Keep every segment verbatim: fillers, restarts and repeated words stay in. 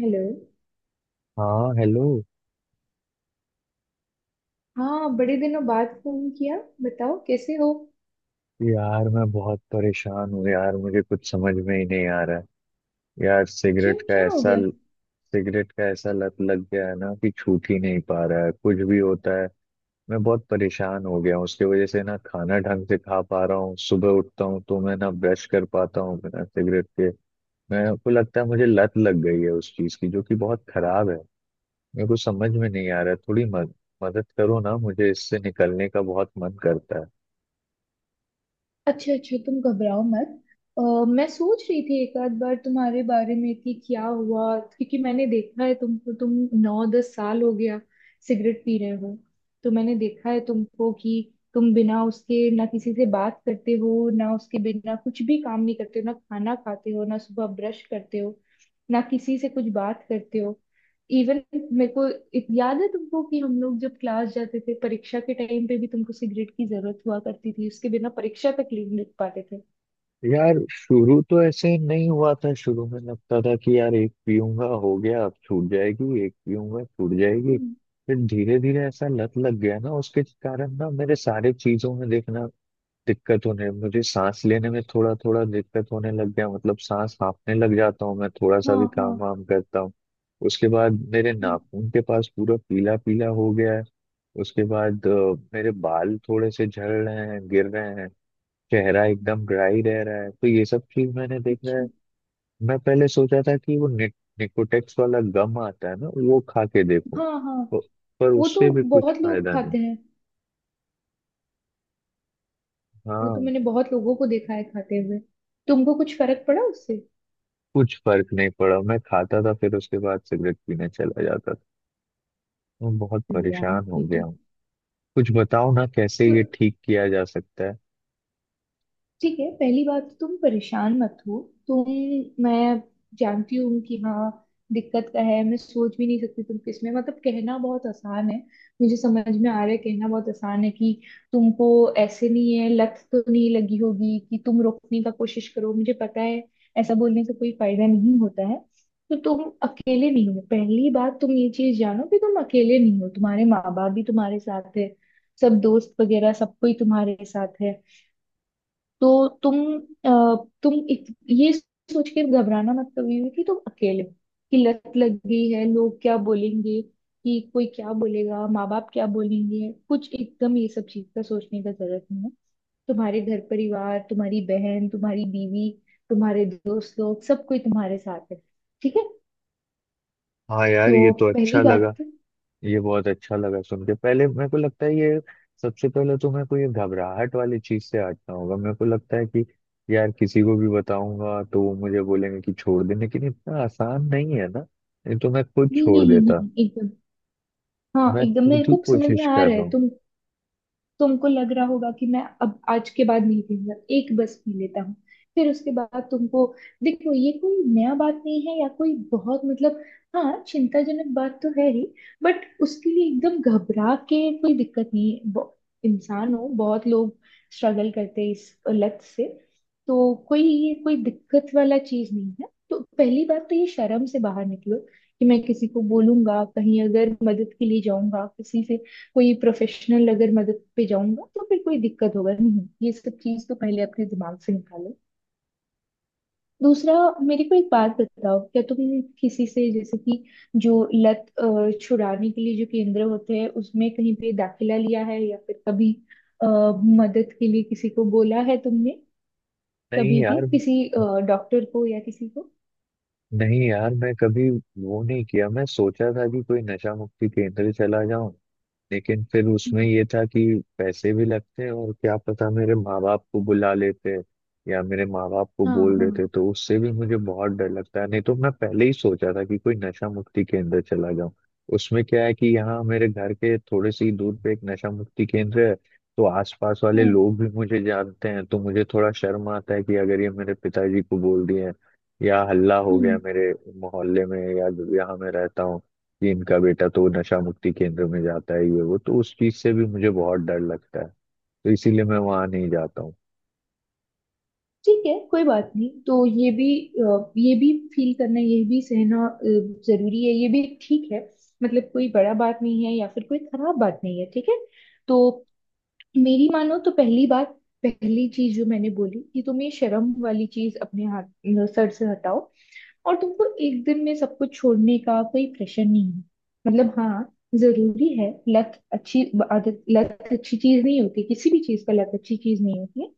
Hello. हाँ hello. हाँ बड़े दिनों बाद फोन किया। बताओ कैसे हो। यार मैं बहुत परेशान हूँ यार, मुझे कुछ समझ में ही नहीं आ रहा है। यार, क्यों, सिगरेट का क्या हो ऐसा गया? सिगरेट का ऐसा लत लग गया है ना कि छूट ही नहीं पा रहा है। कुछ भी होता है मैं बहुत परेशान हो गया हूँ उसकी वजह से, ना खाना ढंग से खा पा रहा हूँ, सुबह उठता हूँ तो मैं ना ब्रश कर पाता हूँ बिना सिगरेट के। मेरे को लगता है मुझे लत लग गई है उस चीज की, जो कि बहुत खराब है। मेरे को समझ में नहीं आ रहा है, थोड़ी मद, मदद करो ना, मुझे इससे निकलने का बहुत मन करता है। अच्छा अच्छा, तुम घबराओ मत। अ, मैं सोच रही थी एक आध बार तुम्हारे बारे में कि क्या हुआ, क्योंकि मैंने देखा है तुमको। तुम नौ दस साल हो गया सिगरेट पी रहे हो। तो मैंने देखा है तुमको कि तुम बिना उसके ना किसी से बात करते हो, ना उसके बिना कुछ भी काम नहीं करते हो, ना खाना खाते हो, ना सुबह ब्रश करते हो, ना किसी से कुछ बात करते हो। इवन मेरे को इत- याद है तुमको कि हम लोग जब क्लास जाते थे, परीक्षा के टाइम पे भी तुमको सिगरेट की जरूरत हुआ करती थी, उसके बिना परीक्षा तक नहीं लिख पाते थे। यार शुरू तो ऐसे नहीं हुआ था, शुरू में लगता था कि यार एक पीऊंगा हो गया अब छूट जाएगी, एक पीऊंगा छूट जाएगी, हम्म। फिर धीरे धीरे ऐसा लत लग गया ना उसके कारण ना मेरे सारे चीजों में देखना। दिक्कत होने, मुझे सांस लेने में थोड़ा थोड़ा दिक्कत होने लग गया, मतलब सांस हांफने लग जाता हूँ मैं थोड़ा सा हाँ भी हाँ। काम वाम करता हूँ। उसके बाद मेरे हम्म। नाखून के पास पूरा पीला पीला हो गया है। उसके बाद अ, मेरे बाल थोड़े से झड़ रहे हैं, गिर रहे हैं, चेहरा एकदम ड्राई रह रहा है, तो ये सब चीज मैंने देखा अच्छा। है। मैं पहले सोचा था कि वो नि, निकोटेक्स वाला गम आता है ना, वो खा के देखो हाँ हाँ। तो, पर वो उससे तो भी कुछ बहुत लोग फायदा नहीं। खाते हैं। वो तो हाँ, मैंने बहुत लोगों को देखा है खाते हुए। तुमको कुछ फर्क पड़ा उससे? कुछ फर्क नहीं पड़ा, मैं खाता था फिर उसके बाद सिगरेट पीने चला जाता था। मैं बहुत अरे यार परेशान हो ये। गया हूँ, कुछ बताओ ना कैसे तो ये ठीक किया जा सकता है। ठीक है, पहली बात तो तुम परेशान मत हो। तुम, मैं जानती हूँ कि हाँ, दिक्कत का है। मैं सोच भी नहीं सकती तुम किस में, मतलब कहना बहुत आसान है। मुझे समझ में आ रहा है, कहना बहुत आसान है कि तुमको ऐसे नहीं है। लत तो नहीं लगी होगी कि तुम रोकने का कोशिश करो, मुझे पता है, ऐसा बोलने से कोई फायदा नहीं होता है। तो तुम अकेले नहीं हो, पहली बात तुम ये चीज जानो कि तुम अकेले नहीं हो। तुम्हारे माँ बाप भी तुम्हारे साथ है, सब दोस्त वगैरह सब कोई तुम्हारे साथ है। तो तुम अ, तुम इत, ये सोच के घबराना मत कभी भी कि तुम अकेले हो, कि लत लग गई है, लोग क्या बोलेंगे, कि कोई क्या बोलेगा, माँ बाप क्या बोलेंगे, कुछ एकदम ये सब चीज का सोचने का जरूरत नहीं है। तुम्हारे घर परिवार, तुम्हारी बहन, तुम्हारी बीवी, तुम्हारे दोस्त लोग, सब कोई तुम्हारे साथ है। ठीक है। हाँ यार ये तो तो अच्छा पहली लगा, बात तो- ये बहुत अच्छा लगा सुन के। पहले मेरे को लगता है ये, सबसे पहले तो मेरे को ये घबराहट वाली चीज से हटना होगा। मेरे को लगता है कि यार किसी को भी बताऊंगा तो वो मुझे बोलेंगे कि छोड़ दे, लेकिन इतना आसान नहीं है ना, नहीं तो मैं खुद नहीं छोड़ नहीं देता, नहीं, एकदम। हाँ मैं एकदम खुद मेरे ही को समझ में कोशिश आ कर रहा है। रहा हूँ। तुम तुमको लग रहा होगा कि मैं अब आज के बाद नहीं पीऊंगा, एक बस पी लेता हूँ। फिर उसके बाद तुमको देखो, ये कोई नया बात नहीं है, या कोई बहुत मतलब, हाँ चिंताजनक बात तो है ही। बट उसके लिए एकदम घबरा के कोई दिक्कत नहीं है। ब- इंसान हो, बहुत लोग स्ट्रगल करते हैं इस लत से, तो कोई ये कोई दिक्कत वाला चीज नहीं है। तो पहली बात तो ये शर्म से बाहर निकलो कि मैं किसी को बोलूंगा, कहीं अगर मदद के लिए जाऊंगा किसी से, कोई प्रोफेशनल अगर मदद पे जाऊंगा, तो फिर कोई दिक्कत होगा नहीं, ये सब चीज तो पहले अपने दिमाग से निकालो। दूसरा, मेरे को एक बात बताओ, क्या तुम किसी से, जैसे कि जो लत अ, छुड़ाने के लिए जो केंद्र होते हैं, उसमें कहीं पे दाखिला लिया है, या फिर कभी अ, मदद के लिए किसी को बोला है तुमने? नहीं कभी भी यार। किसी डॉक्टर को या किसी को? नहीं यार, मैं कभी वो नहीं किया। मैं सोचा था कि कोई नशा मुक्ति केंद्र चला जाऊं, लेकिन फिर उसमें हम्म। ये था कि पैसे भी लगते हैं, और क्या पता मेरे माँ बाप को बुला लेते या मेरे माँ बाप को हाँ बोल हाँ। देते, तो उससे भी मुझे बहुत डर लगता है। नहीं तो मैं पहले ही सोचा था कि कोई नशा मुक्ति केंद्र चला जाऊं। उसमें क्या है कि यहाँ मेरे घर के थोड़े से ही दूर पे एक नशा मुक्ति केंद्र है, तो आसपास वाले हाँ। लोग भी मुझे जानते हैं, तो मुझे थोड़ा शर्म आता है कि अगर ये मेरे पिताजी को बोल दिए या हल्ला हो गया हम्म। मेरे मोहल्ले में, या यहाँ मैं रहता हूँ, कि इनका बेटा तो नशा मुक्ति केंद्र में जाता है ये वो, तो उस चीज से भी मुझे बहुत डर लगता है, तो इसीलिए मैं वहां नहीं जाता हूँ। ठीक है, कोई बात नहीं, तो ये भी अ, ये भी फील करना, ये भी सहना अ, जरूरी है, ये भी ठीक है। मतलब कोई बड़ा बात नहीं है, या फिर कोई खराब बात नहीं है, ठीक है। तो मेरी मानो, तो पहली बात, पहली चीज जो मैंने बोली कि तुम ये शर्म वाली चीज अपने हाथ सर से हटाओ। और तुमको एक दिन में सब कुछ छोड़ने का कोई प्रेशर नहीं है। मतलब हाँ जरूरी है, लत अच्छी आदत, लत अच्छी चीज नहीं होती, किसी भी चीज का लत अच्छी चीज नहीं होती है।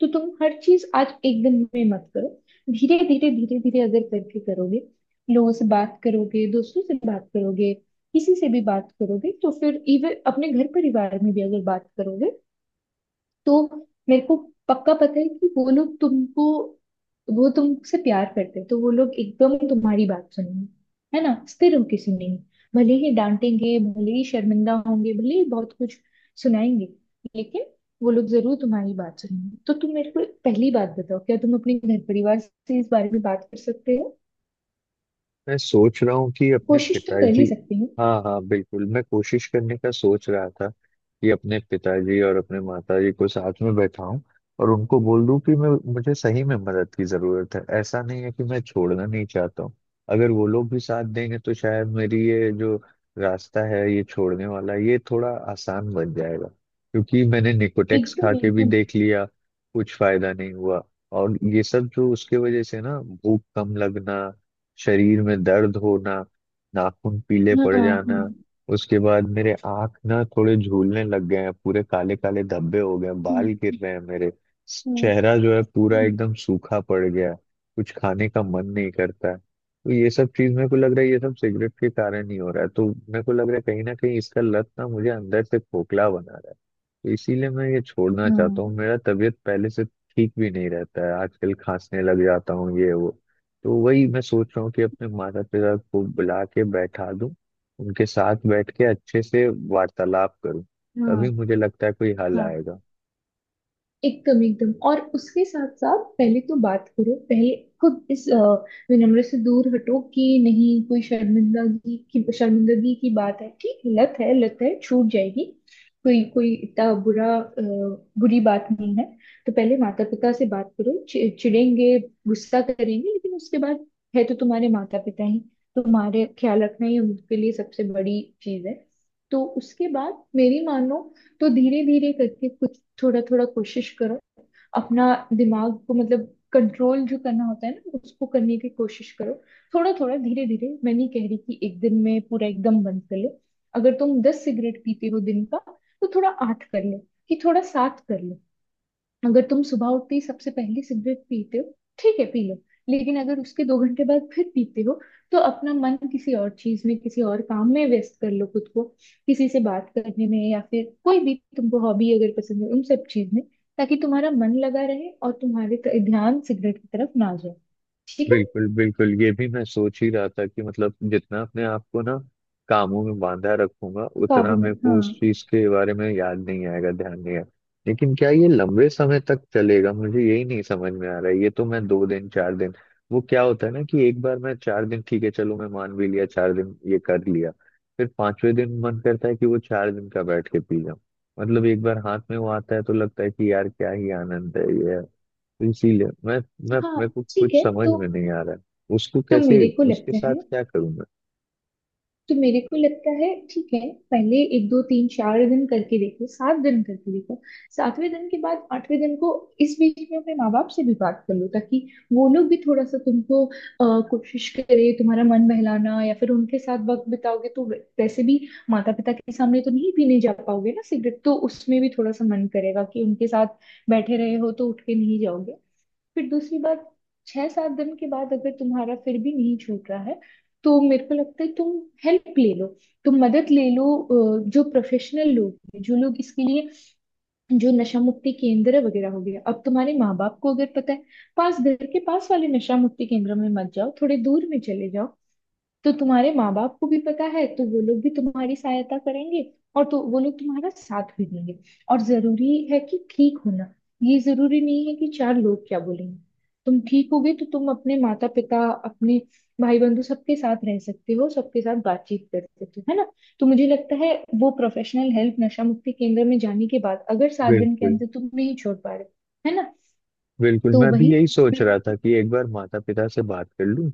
तो तुम हर चीज आज एक दिन में मत करो। धीरे धीरे धीरे धीरे अगर करके करोगे, लोगों से बात करोगे, दोस्तों से बात करोगे, किसी से भी बात करोगे, तो फिर इवन अपने घर परिवार में भी अगर बात करोगे, तो मेरे को पक्का पता है कि वो लोग तुमको, वो तुमसे प्यार करते हैं, तो वो लोग एकदम तुम्हारी बात सुनेंगे। है ना, स्थिर होके सुनेंगे। भले ही डांटेंगे, भले ही शर्मिंदा होंगे, भले ही बहुत कुछ सुनाएंगे, लेकिन वो लोग जरूर तुम्हारी बात सुनेंगे। तो तुम मेरे को पहली बात बताओ, क्या तुम अपने घर परिवार से इस बारे में बात कर सकते हो? मैं सोच रहा हूँ कि अपने कोशिश तो कर पिताजी, ही सकते हो। हाँ हाँ बिल्कुल, मैं कोशिश करने का सोच रहा था कि अपने पिताजी और अपने माताजी को साथ में बैठाऊं और उनको बोल दूं कि मैं मुझे सही में मदद की जरूरत है। ऐसा नहीं है कि मैं छोड़ना नहीं चाहता हूँ, अगर वो लोग भी साथ देंगे तो शायद मेरी ये जो रास्ता है ये छोड़ने वाला ये थोड़ा आसान बन जाएगा, क्योंकि मैंने निकोटेक्स खा एकदम के भी एकदम। देख लिया, कुछ फायदा नहीं हुआ। और ये सब जो उसके वजह से ना भूख कम लगना, शरीर में दर्द होना, नाखून पीले हाँ पड़ हाँ। जाना, उसके बाद मेरे आँख ना थोड़े झूलने लग गए हैं, पूरे काले काले धब्बे हो गए हैं, बाल गिर हम्म। रहे हैं मेरे, हम्म। चेहरा जो है पूरा हम्म। एकदम सूखा पड़ गया है, कुछ खाने का मन नहीं करता है। तो ये सब चीज मेरे को लग रहा है ये सब सिगरेट के कारण ही हो रहा है, तो मेरे को लग रहा है कहीं ना कहीं इसका लत ना मुझे अंदर से खोखला बना रहा है, तो इसीलिए मैं ये छोड़ना चाहता हाँ हूँ। मेरा तबीयत पहले से ठीक भी नहीं रहता है, आजकल खांसने लग जाता हूँ ये वो। तो वही मैं सोच रहा हूँ कि अपने माता पिता को बुला के बैठा दूं, उनके साथ बैठ के अच्छे से वार्तालाप करूं, हाँ। तभी मुझे लगता है कोई हल हाँ आएगा। एकदम एकदम। और उसके साथ साथ पहले तो बात करो। पहले खुद इस अ, विनम्र से दूर हटो, कि नहीं कोई शर्मिंदगी की, शर्मिंदगी की बात है, ठीक है, लत है, लत है, छूट जाएगी। कोई कोई इतना बुरा अ, बुरी बात नहीं है। तो पहले माता पिता से बात करो। चि- चिढ़ेंगे, गुस्सा करेंगे, लेकिन उसके बाद, है तो तुम्हारे माता पिता ही। तुम्हारे ख्याल रखना ही उनके लिए सबसे बड़ी चीज है। तो उसके बाद मेरी मानो, तो धीरे धीरे करके कुछ थोड़ा थोड़ा कोशिश करो। अपना दिमाग को मतलब कंट्रोल जो करना होता है ना, उसको करने की कोशिश करो। थोड़ा थोड़ा, धीरे धीरे। मैं नहीं कह रही कि एक दिन में पूरा एकदम बंद कर लो। अगर तुम दस सिगरेट पीते हो दिन का, तो थोड़ा आठ कर लो, कि थोड़ा सात कर लो। अगर तुम सुबह उठते ही सबसे पहले सिगरेट पीते हो, ठीक है पी लो। लेकिन अगर उसके दो घंटे बाद फिर पीते हो, तो अपना मन किसी और चीज में, किसी और काम में व्यस्त कर लो खुद को। किसी से बात करने में, या फिर कोई भी तुमको हॉबी अगर पसंद है, उन सब चीज में, ताकि तुम्हारा मन लगा रहे और तुम्हारे क- ध्यान सिगरेट की तरफ ना जाए। ठीक है। बिल्कुल बिल्कुल, ये भी मैं सोच ही रहा था कि मतलब जितना अपने आप को ना कामों में बांधा रखूंगा उतना काबू में, मेरे को हाँ। उस चीज के बारे में याद नहीं आएगा, ध्यान नहीं आएगा। लेकिन क्या ये लंबे समय तक चलेगा, मुझे यही नहीं समझ में आ रहा है। ये तो मैं दो दिन चार दिन, वो क्या होता है ना कि एक बार मैं चार दिन ठीक है, चलो मैं मान भी लिया चार दिन ये कर लिया, फिर पांचवें दिन मन करता है कि वो चार दिन का बैठ के पी जाऊं। मतलब एक बार हाथ में वो आता है तो लगता है कि यार क्या ही आनंद है ये। इसीलिए मैं मैं हाँ मेरे को ठीक कुछ है। समझ तो में नहीं आ रहा है, उसको तो कैसे, मेरे को उसके लगता साथ है क्या करूं मैं। तो मेरे को लगता है, ठीक है, पहले एक दो तीन चार दिन करके देखो, सात दिन करके देखो। सातवें दिन के बाद आठवें दिन को, इस बीच में अपने माँ बाप से भी बात कर लो, ताकि वो लोग भी थोड़ा सा तुमको अ, कोशिश करे तुम्हारा मन बहलाना। या फिर उनके साथ वक्त बिताओगे, तो वे- वैसे भी माता पिता के सामने तो नहीं पीने जा पाओगे ना सिगरेट, तो उसमें भी थोड़ा सा मन करेगा कि उनके साथ बैठे रहे हो तो उठ के नहीं जाओगे। फिर दूसरी बात, छह सात दिन के बाद अगर तुम्हारा फिर भी नहीं छूट रहा है, तो मेरे को लगता है तुम हेल्प ले लो, तुम मदद ले लो। अ, जो प्रोफेशनल लोग हैं, जो लोग इसके लिए, जो नशा मुक्ति केंद्र वगैरह हो गया, अब तुम्हारे माँ बाप को अगर पता है। पास घर के पास वाले नशा मुक्ति केंद्र में मत जाओ, थोड़े दूर में चले जाओ। तो तुम्हारे माँ बाप को भी पता है, तो वो लोग भी तुम्हारी सहायता करेंगे, और तो वो लोग तुम्हारा साथ भी देंगे। और जरूरी है कि ठीक होना। ये जरूरी नहीं है कि चार लोग क्या बोलेंगे। तुम ठीक होगे तो तुम अपने माता पिता, अपने भाई बंधु सबके साथ रह सकते हो, सबके साथ बातचीत कर सकते हो, है ना। तो मुझे लगता है वो प्रोफेशनल हेल्प, नशा मुक्ति केंद्र में जाने के बाद, अगर सात दिन के बिल्कुल अंदर तुम नहीं छोड़ पा रहे। है ना। बिल्कुल, तो मैं भी वही। यही सोच रहा था कि एक बार माता पिता से बात कर लूं,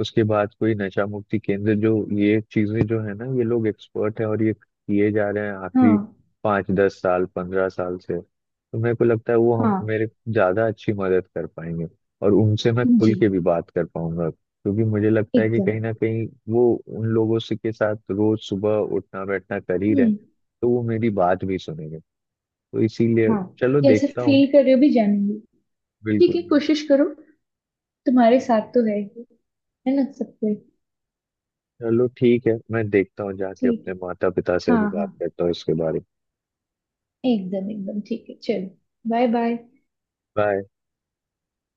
उसके बाद कोई नशा मुक्ति केंद्र जो। ये चीजें जो है ना, ये लोग एक्सपर्ट है और ये किए जा रहे हैं आखिरी हाँ पाँच दस साल पंद्रह साल से, तो मेरे को लगता है वो हम हाँ। मेरे ज्यादा अच्छी मदद कर पाएंगे। और उनसे मैं खुल जी के भी बात कर पाऊंगा, क्योंकि मुझे लगता है कि एकदम। कहीं ना कहीं वो उन लोगों से के साथ रोज सुबह उठना बैठना कर ही रहे हैं, हम्म। तो वो मेरी बात भी सुनेंगे। तो इसीलिए हाँ। चलो कैसे देखता हूँ। फील कर रहे हो भी जानूंगी। ठीक बिल्कुल। है, कोशिश करो। तुम्हारे साथ तो है ही, है ना सब कोई। चलो ठीक है, मैं देखता हूँ जाके ठीक अपने है, माता पिता से अभी हाँ हाँ, बात करता हूँ इसके बारे में। एकदम एकदम, ठीक है चलो, बाय बाय। बाय।